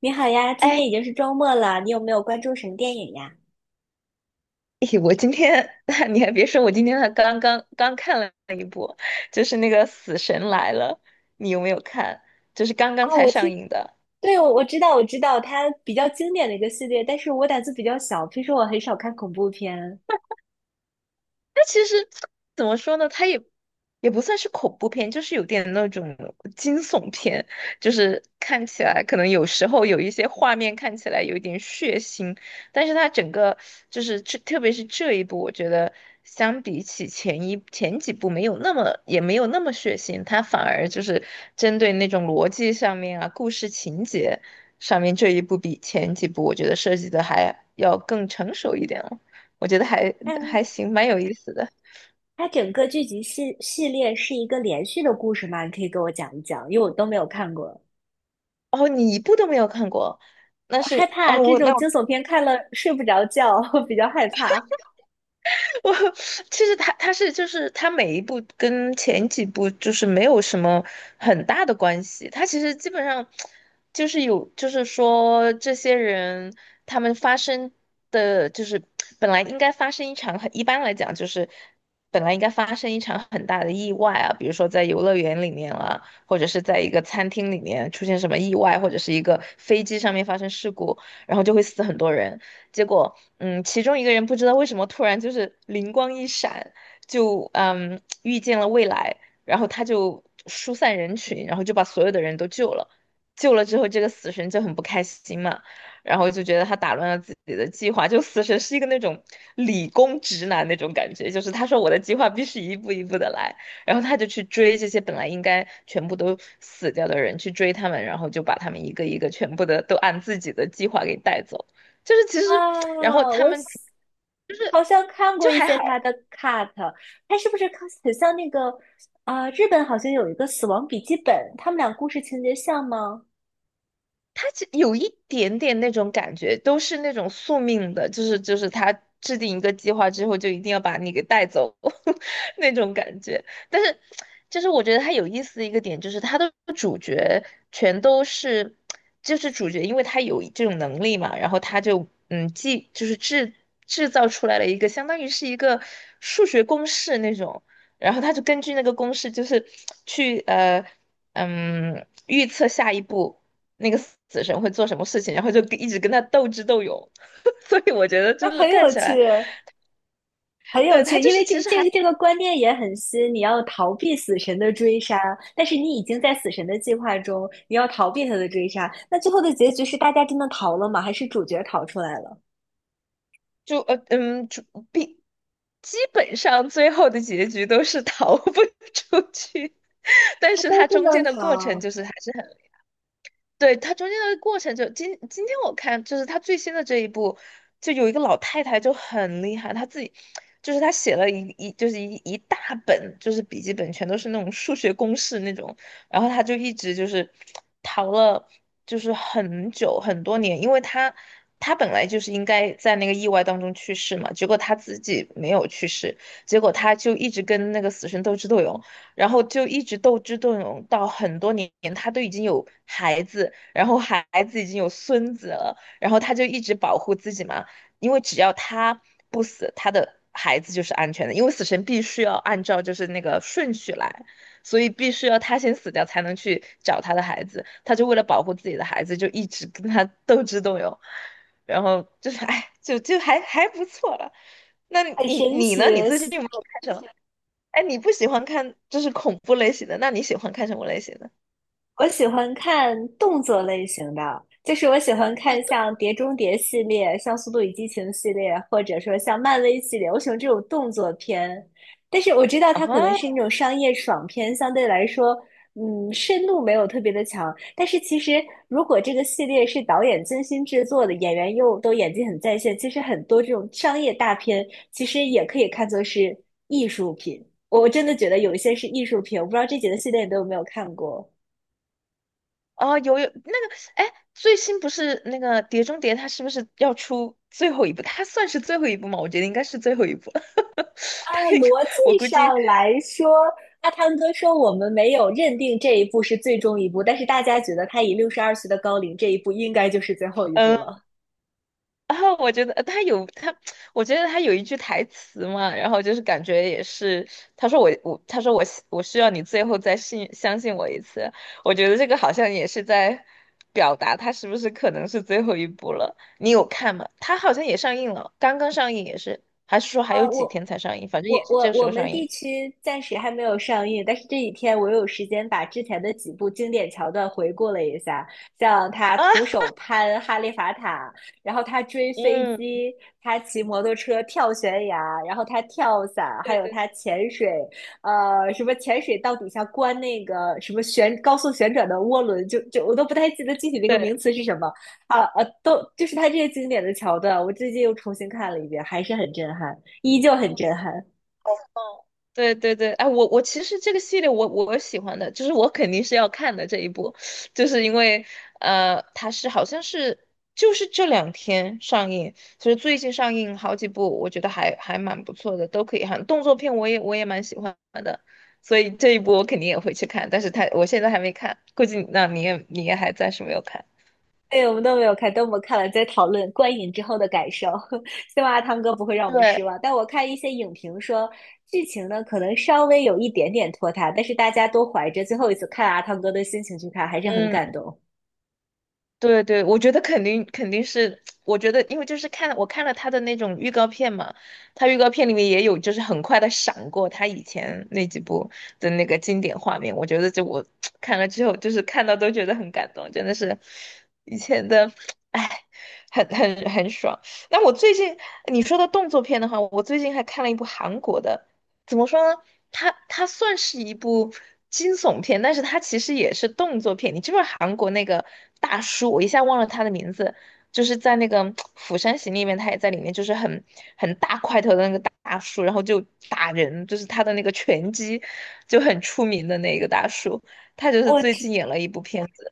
你好呀，今哎，天已经是周末了，你有没有关注什么电影呀？我今天 你还别说，我今天还刚刚看了一部，就是那个《死神来了》，你有没有看？就是刚刚哦，才上映的。对，我知道，我知道，它比较经典的一个系列，但是我胆子比较小，平时我很少看恐怖片。它其实怎么说呢？它也不算是恐怖片，就是有点那种惊悚片，就是看起来可能有时候有一些画面看起来有一点血腥，但是它整个就是这，特别是这一部，我觉得相比起前几部没有那么也没有那么血腥，它反而就是针对那种逻辑上面啊、故事情节上面这一部比前几部我觉得设计的还要更成熟一点了。我觉得还嗯，还行，蛮有意思的。它整个剧集系列是一个连续的故事吗？你可以给我讲一讲，因为我都没有看过。哦，你一部都没有看过，那害是怕哦，这我那 种惊悚片看了睡不着觉，我比较害怕。我其实他是就是他每一步跟前几部就是没有什么很大的关系，他其实基本上就是有就是说这些人他们发生的就是本来应该发生一场很一般来讲就是本来应该发生一场很大的意外啊，比如说在游乐园里面啦，或者是在一个餐厅里面出现什么意外，或者是一个飞机上面发生事故，然后就会死很多人。结果，其中一个人不知道为什么突然就是灵光一闪，就遇见了未来，然后他就疏散人群，然后就把所有的人都救了。救了之后，这个死神就很不开心嘛，然后就觉得他打乱了自己的计划。就死神是一个那种理工直男那种感觉，就是他说我的计划必须一步一步的来，然后他就去追这些本来应该全部都死掉的人，去追他们，然后就把他们一个一个全部的都按自己的计划给带走。就是其实，然后啊，他我们喜。好像看过就一还些好。他的 cut，他是不是看很像那个日本好像有一个《死亡笔记本》，他们俩故事情节像吗？它其有一点点那种感觉，都是那种宿命的，就是他制定一个计划之后，就一定要把你给带走 那种感觉。但是，就是我觉得它有意思的一个点，就是它的主角全都是，就是主角，因为他有这种能力嘛，然后他就既就是制造出来了一个相当于是一个数学公式那种，然后他就根据那个公式，就是去预测下一步。那个死神会做什么事情，然后就跟一直跟他斗智斗勇。所以我觉得就那是很看有起趣，来，很有对，他趣，就因是为其这实这还个这个观念也很新。你要逃避死神的追杀，但是你已经在死神的计划中，你要逃避他的追杀。那最后的结局是大家真的逃了吗？还是主角逃出来了？就，必基本上最后的结局都是逃不 出去，但是都他不中间能的过程逃，就是还是很。对，它中间的过程就今天我看就是它最新的这一部，就有一个老太太就很厉害，她自己就是她写了就是一大本就是笔记本，全都是那种数学公式那种，然后她就一直就是逃了就是很久很多年，因为她本来就是应该在那个意外当中去世嘛，结果她自己没有去世，结果她就一直跟那个死神斗智斗勇。然后就一直斗智斗勇到很多年，他都已经有孩子，然后已经有孙子了，然后他就一直保护自己嘛，因为只要他不死，他的孩子就是安全的，因为死神必须要按照就是那个顺序来，所以必须要他先死掉才能去找他的孩子，他就为了保护自己的孩子，就一直跟他斗智斗勇，然后就是哎，就还不错了。那很你神你奇。呢？你最近有没有看什么？哎，你不喜欢看就是恐怖类型的，那你喜欢看什么类型的？我喜欢看动作类型的，就是我喜欢看像《碟中谍》系列、像《速度与激情》系列，或者说像漫威系列，我喜欢这种动作片。但是我知道啊它哈，可能是那种商业爽片，相对来说，嗯，深度没有特别的强。但是其实如果这个系列是导演精心制作的，演员又都演技很在线，其实很多这种商业大片其实也可以看作是艺术品。我真的觉得有一些是艺术品，我不知道这几个系列你都有没有看过。啊，有那个，哎，最新不是那个《碟中谍》，它是不是要出最后一部？它算是最后一部吗？我觉得应该是最后一部。啊，它应该，逻我辑估计。上来说，阿汤哥说我们没有认定这一步是最终一步，但是大家觉得他以62岁的高龄，这一步应该就是最后一步了。嗯。然后我觉得他有他，我觉得他有一句台词嘛，然后就是感觉也是，他说他说我需要你最后再相信我一次，我觉得这个好像也是在表达他是不是可能是最后一步了。你有看吗？他好像也上映了，刚刚上映也是，还是说还有啊，几我天才上映？反正也我是我这时我候们上地映 区暂时还没有上映，但是这几天我有时间把之前的几部经典桥段回顾了一下，像他 徒啊。手攀哈利法塔，然后他追飞嗯，机，他骑摩托车跳悬崖，然后他跳伞，还对有对，他潜水，呃，什么潜水到底下关那个什么旋高速旋转的涡轮，就我都不太记得具体那个名词是什么都就是他这些经典的桥段，我最近又重新看了一遍，还是很震撼。依旧很震撼。哦，对对对，哎，我我其实这个系列我喜欢的，就是我肯定是要看的这一部，就是因为，它是好像是就是这两天上映，就是最近上映好几部，我觉得还蛮不错的，都可以看。动作片我也蛮喜欢的，所以这一部我肯定也会去看，但是它我现在还没看，估计那你也还暂时没有看。对，我们都没有看，等我们看了再讨论观影之后的感受。希望阿汤哥不会让我们对，失望。但我看一些影评说，剧情呢可能稍微有一点点拖沓，但是大家都怀着最后一次看阿汤哥的心情去看，还是很嗯。感动。对对，我觉得肯定肯定是，我觉得因为就是我看了他的那种预告片嘛，他预告片里面也有就是很快的闪过他以前那几部的那个经典画面，我觉得就我 看了之后就是看到都觉得很感动，真的是以前的，哎，很爽。那我最近你说到动作片的话，我最近还看了一部韩国的。怎么说呢？他算是一部惊悚片，但是他其实也是动作片。你知不知道韩国那个大叔，我一下忘了他的名字，就是在那个《釜山行》里面，他也在里面，很大块头的那个大叔，然后就打人，就是他的那个拳击就很出名的那个大叔，他就是我最知，近演了一部片子。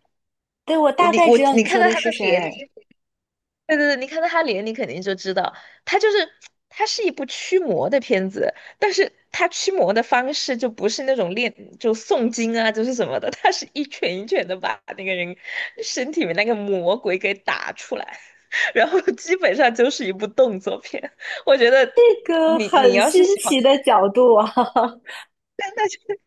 对，我大概我知道你你看说到的他是的谁，脸。对对对，你看到他脸，你肯定就知道，他就是他是一部驱魔的片子，但是他驱魔的方式就不是那种诵经啊，就是什么的，他是一拳一拳的把那个人身体里面那个魔鬼给打出来，然后基本上就是一部动作片。我觉得这个你很要是新喜欢奇的角度啊。看，那就。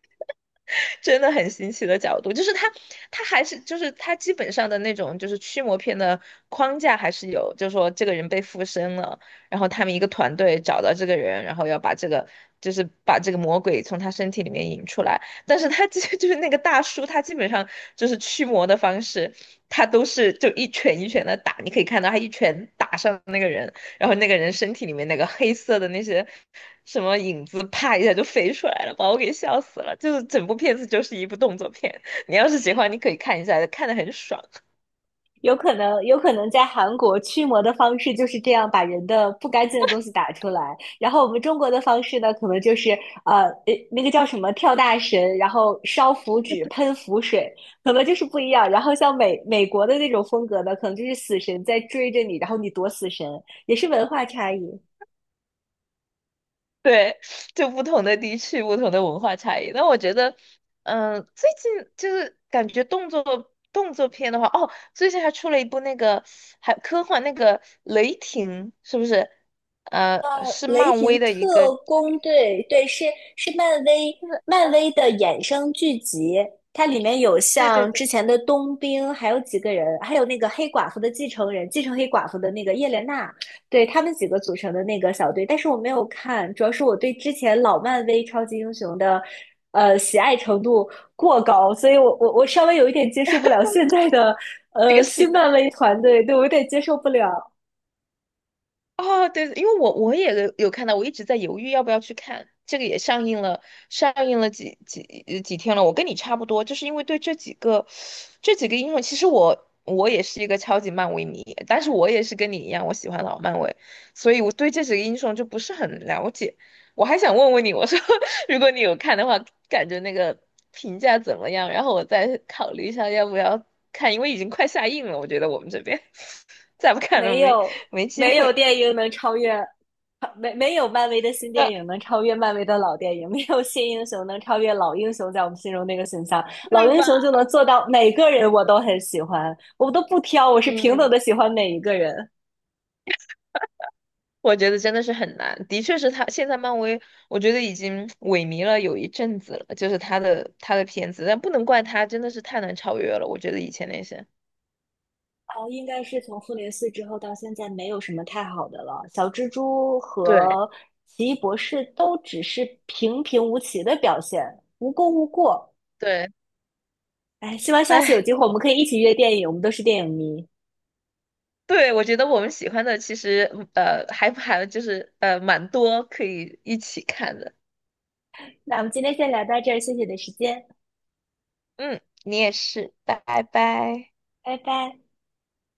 真的很新奇的角度，就是他，他还是就是他基本上的那种就是驱魔片的框架还是有，就是说这个人被附身了，然后他们一个团队找到这个人，然后要把这个就是把这个魔鬼从他身体里面引出来，但是他基 就是那个大叔，他基本上就是驱魔的方式，他都是就一拳一拳的打，你可以看到他一拳打上那个人。然后那个人身体里面那个黑色的那些什么影子，啪一下就飞出来了，把我给笑死了。就是整部片子就是一部动作片，你要是喜欢，你可以看一下，看得很爽。有可能，有可能在韩国驱魔的方式就是这样，把人的不干净的东西打出来。然后我们中国的方式呢，可能就是那个叫什么跳大神，然后烧符纸、喷符水，可能就是不一样。然后像美国的那种风格呢，可能就是死神在追着你，然后你躲死神，也是文化差异。对，就不同的地区、不同的文化差异。那我觉得，最近就是感觉动作片的话，哦，最近还出了一部那个还科幻那个《雷霆》，是不是？呃，是雷漫威霆的一个，就特工队》，对，是漫威是漫威的衍生剧集，它里面有对对像对，之前的冬兵，还有几个人，还有那个黑寡妇的继承人，继承黑寡妇的那个叶莲娜，对，他们几个组成的那个小队，但是我没有看，主要是我对之前老漫威超级英雄的。喜爱程度过高，所以我稍微有一点接受不了现在的这个新新的。漫威团队，对我有点接受不了。哦，对，因为我也有看到，我一直在犹豫要不要去看。这个也上映了，上映了几天了。我跟你差不多，就是因为对这几个英雄，其实我也是一个超级漫威迷，但是我也是跟你一样，我喜欢老漫威，所以我对这几个英雄就不是很了解。我还想问问你，我说 如果你有看的话，感觉那个评价怎么样？然后我再考虑一下要不要看，因为已经快下映了，我觉得我们这边 再不看了没有没机没会。有电影能超越，没有漫威的新 电呃，影能超越漫威的老电影，没有新英雄能超越老英雄在我们心中那个形象，老对英吧？雄就能做到每个人我都很喜欢，我都不挑，我是平等嗯，的喜欢每一个人。我觉得真的是很难，的确是他现在漫威，我觉得已经萎靡了有一阵子了，就是他的片子，但不能怪他，真的是太难超越了，我觉得以前那些。哦，应该是从复联四之后到现在没有什么太好的了。小蜘蛛对和奇异博士都只是平平无奇的表现，无功无过。对，哎，希望下次有哎，机会我们可以一起约电影，我们都是电影迷。对，我觉得我们喜欢的其实就是蛮多可以一起看的，那我们今天先聊到这儿，谢谢你的时间，嗯，你也是，拜拜。拜拜。